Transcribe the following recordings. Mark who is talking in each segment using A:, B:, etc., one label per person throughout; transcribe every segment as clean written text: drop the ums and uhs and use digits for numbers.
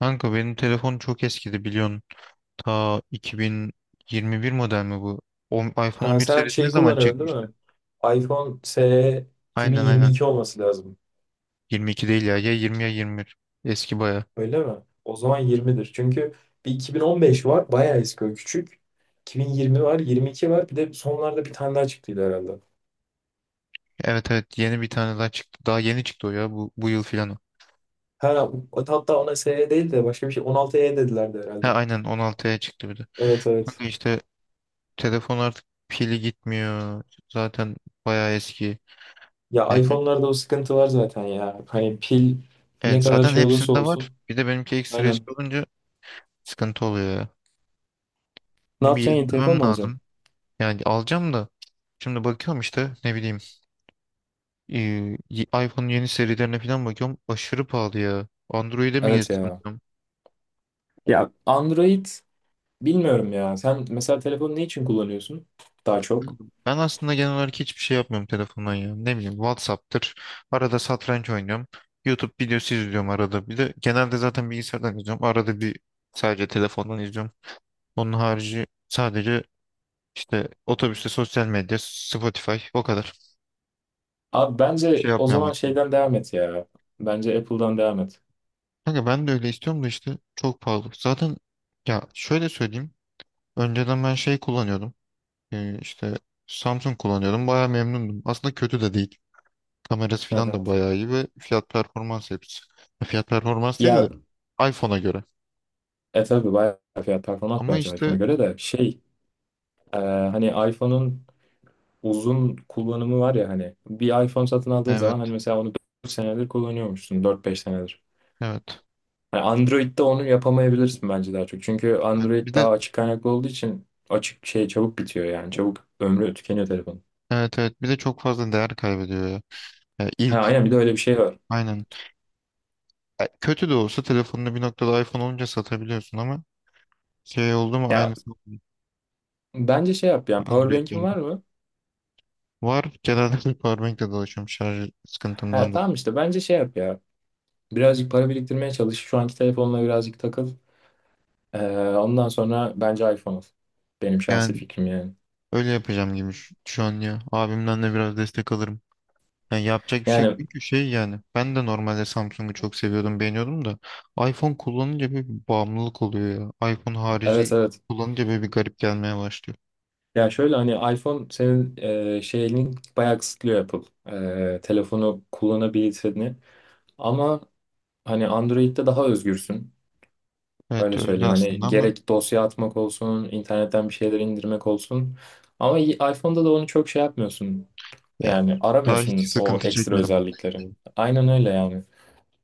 A: Kanka benim telefon çok eskidi biliyorsun. Ta 2021 model mi bu? O, iPhone on
B: Ha,
A: bir
B: sen
A: serisi ne
B: şey
A: zaman
B: kullanıyorsun değil
A: çıkmıştı?
B: mi? iPhone SE
A: Aynen, aynen.
B: 2022 olması lazım.
A: 22 değil ya. Ya 20 ya 21. Eski baya.
B: Öyle mi? O zaman 20'dir. Çünkü bir 2015 var. Bayağı eski o küçük. 2020 var. 22 var. Bir de sonlarda bir tane daha çıktıydı herhalde.
A: Evet, evet, yeni bir tane daha çıktı. Daha yeni çıktı o ya. Bu yıl filan o.
B: Ha, hatta ona SE değil de başka bir şey. 16E dedilerdi
A: Ha,
B: herhalde.
A: aynen, 16'ya çıktı bir de.
B: Evet evet.
A: Kanka işte telefon artık pili gitmiyor. Zaten baya eski.
B: Ya
A: Yani-
B: iPhone'larda o sıkıntı var zaten ya. Hani pil ne
A: Evet,
B: kadar
A: zaten
B: şey olursa
A: hepsinde var.
B: olsun.
A: Bir de benimki ekstra
B: Aynen.
A: eski olunca sıkıntı oluyor ya.
B: Ne
A: Bunu bir
B: yapacaksın? Yeni telefon
A: yenilemem
B: mu alacaksın?
A: lazım. Yani alacağım da şimdi bakıyorum işte ne bileyim, e, iPhone'un yeni serilerine falan bakıyorum. Aşırı pahalı ya. Android'e mi
B: Evet
A: geçsem
B: ya.
A: diyorum.
B: Ya Android. Bilmiyorum ya. Sen mesela telefonu ne için kullanıyorsun daha çok?
A: Ben aslında genel olarak hiçbir şey yapmıyorum telefondan ya. Ne bileyim, WhatsApp'tır. Arada satranç oynuyorum. YouTube videosu izliyorum arada. Bir de genelde zaten bilgisayardan izliyorum. Arada bir sadece telefondan izliyorum. Onun harici sadece işte otobüste sosyal medya, Spotify, o kadar.
B: Abi
A: Bir
B: bence
A: şey
B: o
A: yapmıyorum
B: zaman
A: aslında.
B: şeyden devam et ya. Bence Apple'dan devam et.
A: Kanka ben de öyle istiyorum da işte çok pahalı. Zaten ya şöyle söyleyeyim. Önceden ben şey kullanıyordum. İşte Samsung kullanıyordum. Bayağı memnundum. Aslında kötü de değil. Kamerası
B: Hı
A: falan
B: hı.
A: da bayağı iyi ve fiyat performans hepsi. Fiyat performans değil
B: Ya
A: de iPhone'a göre.
B: tabii bayağı fiyat performans
A: Ama
B: bence
A: işte
B: iPhone'a göre de şey hani iPhone'un uzun kullanımı var ya, hani bir iPhone satın aldığın
A: evet,
B: zaman hani mesela onu 4 senedir kullanıyormuşsun, 4-5 senedir.
A: evet.
B: Yani Android'de onu yapamayabilirsin bence daha çok. Çünkü
A: Evet. Bir
B: Android
A: de
B: daha açık kaynaklı olduğu için açık şey çabuk bitiyor yani. Çabuk ömrü tükeniyor telefonun.
A: evet, evet, bir de çok fazla değer kaybediyor ya. Ya
B: Ha
A: ilk
B: aynen, bir de öyle bir şey var.
A: aynen. Ya kötü de olsa telefonunu bir noktada iPhone olunca satabiliyorsun ama şey oldu mu
B: Ya
A: aynısı
B: bence şey yap yani, powerbank'in
A: Android'lerde.
B: var mı?
A: Var. Genelde powerbank'le dolaşıyorum şarj
B: Ha
A: sıkıntımdan da.
B: tamam, işte bence şey yap ya. Birazcık para biriktirmeye çalış. Şu anki telefonla birazcık takıl. Ondan sonra bence iPhone al. Benim şahsi
A: Yani
B: fikrim yani.
A: öyle yapacağım gibi şu an ya. Abimden de biraz destek alırım. Yani yapacak bir şey yok
B: Yani
A: çünkü şey yani. Ben de normalde Samsung'u çok seviyordum, beğeniyordum da iPhone kullanınca böyle bir bağımlılık oluyor ya. iPhone harici
B: evet evet.
A: kullanınca böyle bir garip gelmeye başlıyor.
B: Ya şöyle hani iPhone senin şeyini bayağı kısıtlıyor Apple. Telefonu kullanabilirsini. Ama hani Android'de daha özgürsün.
A: Evet
B: Öyle
A: öyle
B: söyleyeyim.
A: aslında
B: Hani
A: ama
B: gerek dosya atmak olsun, internetten bir şeyler indirmek olsun. Ama iPhone'da da onu çok şey yapmıyorsun.
A: ya
B: Yani
A: daha hiç
B: aramıyorsun o
A: sıkıntı
B: ekstra
A: çekmedim onunla
B: özellikleri.
A: ilgili.
B: Aynen öyle yani.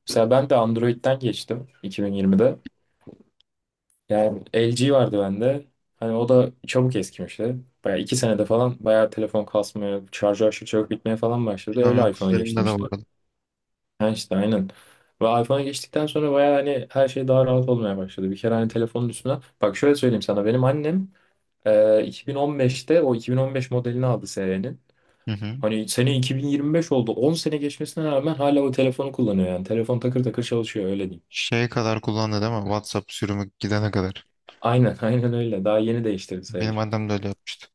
B: Mesela ben de Android'den geçtim 2020'de. Yani LG vardı bende. Hani o da çabuk eskimişti. Bayağı 2 senede falan bayağı telefon kasmaya, şarjı aşırı çabuk bitmeye falan başladı.
A: Bilmiyorum,
B: Öyle iPhone'a
A: kuzenimde
B: geçtim
A: de
B: işte.
A: vardı.
B: Ha işte aynen. Ve iPhone'a geçtikten sonra bayağı hani her şey daha rahat olmaya başladı. Bir kere hani telefonun üstüne. Bak şöyle söyleyeyim sana. Benim annem e, 2015'te o 2015 modelini aldı serinin.
A: Hı hı.
B: Hani sene 2025 oldu. 10 sene geçmesine rağmen hala o telefonu kullanıyor yani. Telefon takır takır çalışıyor, öyle diyeyim.
A: Şeye kadar kullandı değil mi? WhatsApp sürümü gidene kadar.
B: Aynen aynen öyle. Daha yeni değiştirdi
A: Benim
B: sayılır.
A: annem de öyle yapmıştı.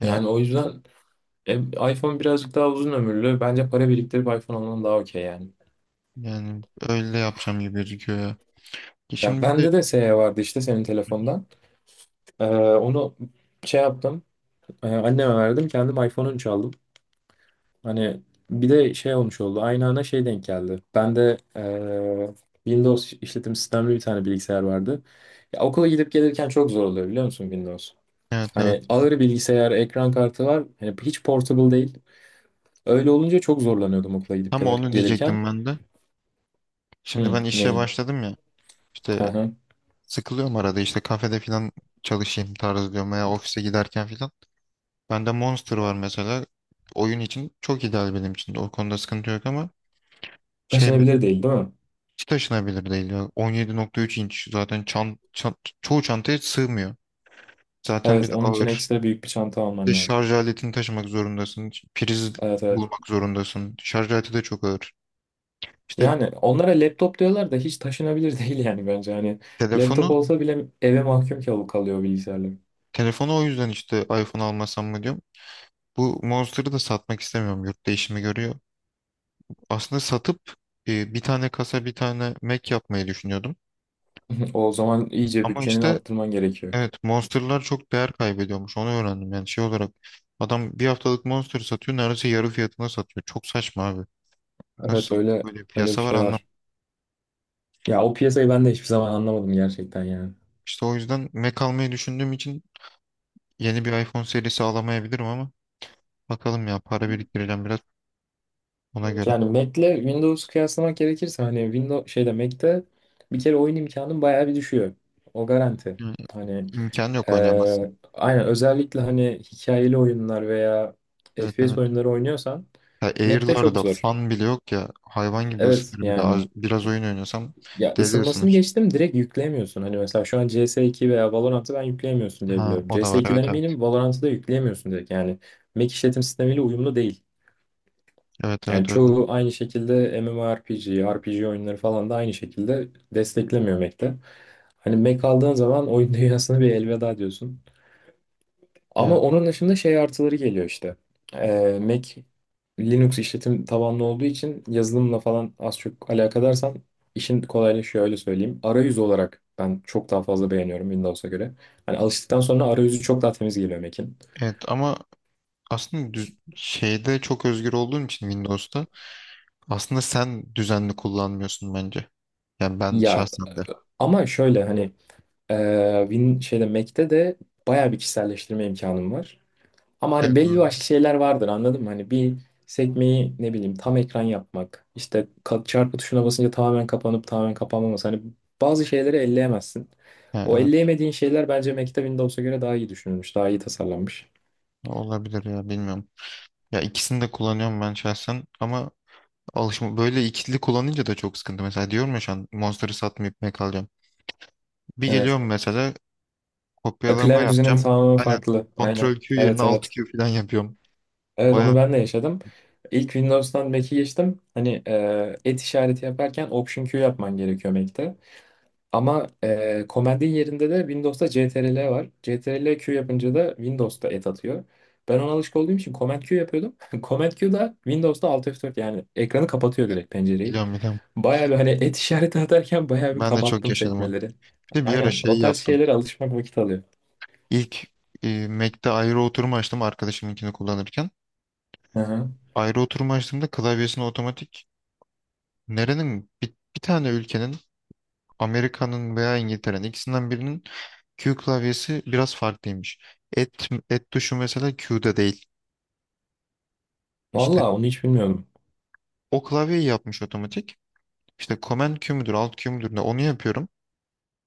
A: Ya
B: Yani o yüzden E, iPhone birazcık daha uzun ömürlü. Bence para biriktirip iPhone alman daha okey yani.
A: yani öyle yapacağım gibi gözüküyor ya.
B: Ya
A: Şimdi bir de.
B: bende de SE vardı işte, senin
A: Hı hı.
B: telefondan. Onu şey yaptım. Anneme verdim. Kendim iPhone 13 aldım. Hani bir de şey olmuş oldu. Aynı ana şey denk geldi. Bende Windows işletim sistemli bir tane bilgisayar vardı. Ya okula gidip gelirken çok zor oluyor biliyor musun, Windows?
A: Evet, evet.
B: Hani ağır bilgisayar, ekran kartı var. Hani hiç portable değil. Öyle olunca çok zorlanıyordum okula
A: Tam onu
B: gelirken.
A: diyecektim ben de. Şimdi
B: Hı,
A: ben işe
B: neyi?
A: başladım ya. İşte sıkılıyorum arada işte kafede falan çalışayım tarzı diyorum veya ofise giderken falan. Bende Monster var mesela. Oyun için çok ideal benim için. O konuda sıkıntı yok ama şey mi?
B: Taşınabilir değil, değil mi?
A: Hiç taşınabilir değil ya. 17,3 inç zaten çoğu çantaya sığmıyor. Zaten
B: Evet,
A: bir de
B: onun için
A: ağır.
B: ekstra büyük bir çanta
A: Bir de
B: alman lazım.
A: şarj aletini taşımak zorundasın. Priz
B: Evet, evet.
A: bulmak zorundasın. Şarj aleti de çok ağır. İşte
B: Yani onlara laptop diyorlar da hiç taşınabilir değil yani, bence. Hani laptop
A: telefonu
B: olsa bile eve mahkum kalıyor bilgisayarlar.
A: Telefonu o yüzden işte iPhone almasam mı diyorum. Bu Monster'ı da satmak istemiyorum. Yurt değişimi görüyor. Aslında satıp bir tane kasa, bir tane Mac yapmayı düşünüyordum.
B: O zaman iyice
A: Ama
B: bütçeni
A: işte
B: arttırman gerekiyor.
A: evet, Monster'lar çok değer kaybediyormuş. Onu öğrendim. Yani şey olarak adam bir haftalık Monster satıyor. Neredeyse yarı fiyatına satıyor. Çok saçma abi.
B: Evet,
A: Nasıl
B: öyle.
A: böyle
B: Öyle bir
A: piyasa var
B: şey
A: anlam?
B: var. Ya o piyasayı ben de hiçbir zaman anlamadım gerçekten yani.
A: İşte o yüzden Mac almayı düşündüğüm için yeni bir iPhone serisi alamayabilirim ama bakalım ya, para biriktireceğim biraz ona göre.
B: Yani Mac'le Windows kıyaslamak gerekirse hani Windows şeyde Mac'te bir kere oyun imkanın bayağı bir düşüyor. O garanti.
A: Yani
B: Hani
A: imkan yok, oynayamazsın.
B: Aynen, özellikle hani hikayeli oyunlar veya
A: Evet, evet.
B: FPS oyunları oynuyorsan
A: Ya
B: Mac'te çok
A: Air'larda
B: zor.
A: fan bile yok ya. Hayvan gibi
B: Evet
A: ısınır bir de.
B: yani.
A: Biraz oyun oynuyorsam
B: Ya
A: deli
B: ısınmasını
A: ısınır.
B: geçtim, direkt yükleyemiyorsun. Hani mesela şu an CS2 veya Valorant'ı ben yükleyemiyorsun diye
A: Ha,
B: biliyorum.
A: o da var,
B: CS2'den
A: evet, evet.
B: eminim, Valorant'ı da yükleyemiyorsun direkt. Yani Mac işletim sistemiyle uyumlu değil.
A: Evet,
B: Yani
A: evet, öyle.
B: çoğu aynı şekilde MMORPG, RPG oyunları falan da aynı şekilde desteklemiyor Mac'te. Hani Mac aldığın zaman oyun dünyasına bir elveda diyorsun.
A: Ya,
B: Ama onun dışında şey artıları geliyor işte. Mac Linux işletim tabanlı olduğu için yazılımla falan az çok alakadarsan işin kolaylaşıyor, öyle söyleyeyim. Arayüz olarak ben çok daha fazla beğeniyorum Windows'a göre. Hani alıştıktan sonra arayüzü çok daha temiz geliyor Mac'in.
A: evet, ama aslında şeyde çok özgür olduğun için Windows'ta aslında sen düzenli kullanmıyorsun bence. Yani ben
B: Ya
A: şahsen de.
B: ama şöyle hani Win şeyde Mac'te de bayağı bir kişiselleştirme imkanım var. Ama hani
A: Evet,
B: belli
A: doğru.
B: başlı şeyler vardır, anladın mı? Hani bir sekmeyi ne bileyim tam ekran yapmak, işte çarpı tuşuna basınca tamamen kapanıp tamamen kapanmaması. Hani bazı şeyleri elleyemezsin.
A: Ya,
B: O
A: evet,
B: elleyemediğin şeyler bence Mac'te Windows'a göre daha iyi düşünülmüş. Daha iyi tasarlanmış.
A: olabilir ya, bilmiyorum. Ya, ikisini de kullanıyorum ben şahsen ama alışma böyle ikili kullanınca da çok sıkıntı. Mesela diyorum ya şu an Monster'ı satmayıp kalacağım. Bir
B: Evet.
A: geliyorum mesela. Kopyalama
B: Klavye düzenin
A: yapacağım.
B: tamamen
A: Aynen.
B: farklı. Aynen.
A: Ctrl Q yerine
B: Evet
A: Alt
B: evet.
A: Q falan yapıyorum.
B: Evet, onu
A: Bayağı
B: ben de yaşadım. İlk Windows'tan Mac'e geçtim. Hani et işareti yaparken Option Q yapman gerekiyor Mac'te. Ama Command'in yerinde de Windows'ta CTRL var. CTRL Q yapınca da Windows'ta et atıyor. Ben ona alışık olduğum için Command Q yapıyordum. Command Q da Windows'ta Alt F4 yani, ekranı kapatıyor direkt pencereyi.
A: biliyorum, biliyorum.
B: Bayağı bir hani et işareti atarken bayağı bir
A: Ben de çok
B: kapattım
A: yaşadım onu.
B: sekmeleri.
A: Bir de bir ara
B: Aynen, o
A: şey
B: tarz
A: yaptım.
B: şeylere alışmak vakit alıyor.
A: İlk Mac'te ayrı oturma açtım arkadaşımınkini kullanırken.
B: Hı hı.
A: Ayrı oturma açtığımda klavyesini otomatik nerenin bir tane ülkenin, Amerika'nın veya İngiltere'nin ikisinden birinin Q klavyesi biraz farklıymış. Et tuşu mesela Q'da değil. İşte
B: Vallahi onu hiç bilmiyorum.
A: o klavyeyi yapmış otomatik. İşte command Q müdür, alt Q müdür, ne onu yapıyorum.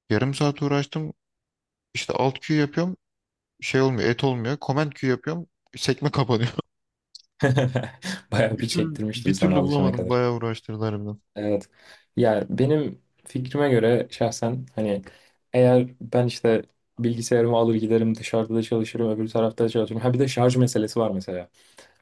A: Yarım saat uğraştım. İşte alt Q yapıyorum. Şey olmuyor, et olmuyor. Command Q yapıyorum. Sekme kapanıyor.
B: Bayağı
A: Bir
B: bir
A: türlü,
B: çektirmiştir
A: bir
B: sana
A: türlü
B: alışana
A: bulamadım.
B: kadar.
A: Bayağı uğraştırdı harbiden.
B: Evet. Ya benim fikrime göre şahsen hani eğer ben işte bilgisayarımı alır giderim, dışarıda da çalışırım, öbür tarafta da çalışırım. Ha bir de şarj meselesi var mesela.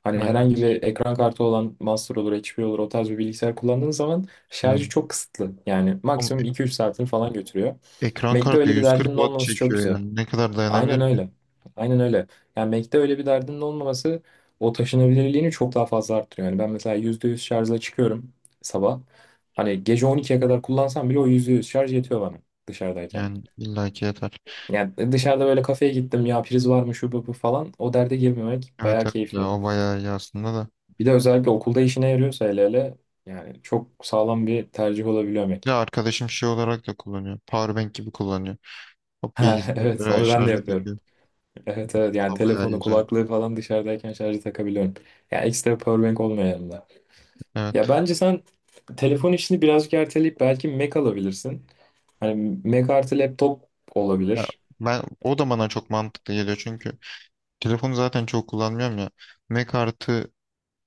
B: Hani herhangi
A: Evet.
B: bir ekran kartı olan Monster olur, HP olur, o tarz bir bilgisayar kullandığın zaman şarjı
A: Yani
B: çok kısıtlı. Yani
A: ama
B: maksimum 2-3 saatini falan götürüyor.
A: ekran
B: Mac'te
A: kartı
B: öyle bir
A: 140
B: derdinin
A: watt
B: olmaması çok
A: çekiyor
B: güzel.
A: yani. Ne kadar
B: Aynen
A: dayanabilir ki?
B: öyle. Aynen öyle. Yani Mac'te öyle bir derdinin olmaması o taşınabilirliğini çok daha fazla arttırıyor. Yani ben mesela %100 şarjla çıkıyorum sabah. Hani gece 12'ye kadar kullansam bile o %100 şarj yetiyor bana dışarıdayken.
A: Yani illaki yeter.
B: Yani dışarıda böyle kafeye gittim ya, priz var mı şu bu bu falan, o derde girmemek
A: Evet,
B: bayağı
A: evet ya,
B: keyifli.
A: o bayağı iyi aslında da.
B: Bir de özellikle okulda işine yarıyorsa, hele hele yani, çok sağlam bir tercih olabiliyor Mac.
A: Ya arkadaşım şey olarak da kullanıyor. Powerbank gibi kullanıyor. Hop
B: Ha, evet,
A: bilgisayara
B: onu ben de
A: şarja
B: yapıyorum.
A: takıyor.
B: Evet evet,
A: O
B: yani
A: da bayağı iyi
B: telefonu,
A: özellik.
B: kulaklığı falan dışarıdayken şarjı takabiliyorum. Yani ekstra powerbank olmuyor yanımda.
A: Evet.
B: Ya bence sen telefon işini birazcık erteleyip belki Mac alabilirsin. Hani Mac artı laptop
A: Ya
B: olabilir.
A: ben, o da bana çok mantıklı geliyor çünkü telefonu zaten çok kullanmıyorum ya. Mac artı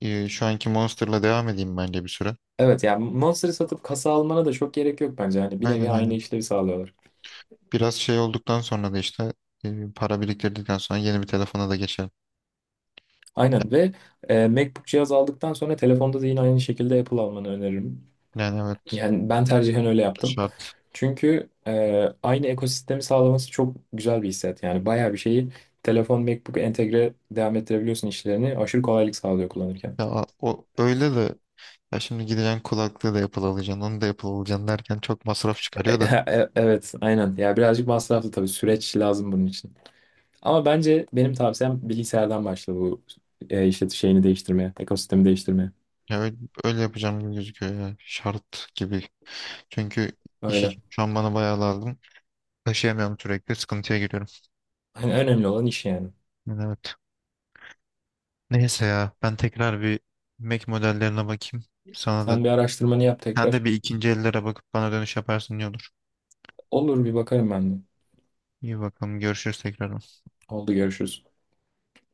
A: şu anki Monster'la devam edeyim bence bir süre.
B: Evet, yani Monster'ı satıp kasa almana da çok gerek yok bence. Hani bir nevi
A: Aynen,
B: aynı
A: aynen.
B: işlevi sağlıyorlar.
A: Biraz şey olduktan sonra da işte para biriktirdikten sonra yeni bir telefona da geçelim.
B: Aynen. Ve MacBook cihaz aldıktan sonra telefonda da yine aynı şekilde Apple almanı öneririm.
A: Yani evet,
B: Yani ben tercihen öyle yaptım.
A: şart.
B: Çünkü aynı ekosistemi sağlaması çok güzel bir hissiyat. Yani bayağı bir şeyi telefon, MacBook entegre devam ettirebiliyorsun işlerini. Aşırı kolaylık sağlıyor kullanırken.
A: Ya o öyle de ya şimdi gideceksin kulaklığı da Apple alacaksın, onu da Apple alacaksın derken çok masraf çıkarıyor da.
B: Evet, aynen. Ya birazcık masraflı tabii. Süreç lazım bunun için. Ama bence benim tavsiyem bilgisayardan başla bu işlet şeyini değiştirmeye, ekosistemi değiştirmeye.
A: Ya öyle yapacağım gibi gözüküyor ya şart gibi. Çünkü iş
B: Öyle.
A: için şu an bana bayağı lazım. Taşıyamıyorum, sürekli sıkıntıya giriyorum.
B: Hani önemli olan iş yani.
A: Yani evet. Neyse ya ben tekrar bir Mac modellerine bakayım. Sana da
B: Sen bir araştırmanı yap
A: sen de
B: tekrar.
A: bir ikinci ellere bakıp bana dönüş yaparsın iyi olur.
B: Olur, bir bakarım ben de.
A: İyi bakalım, görüşürüz tekrar.
B: Oldu, görüşürüz.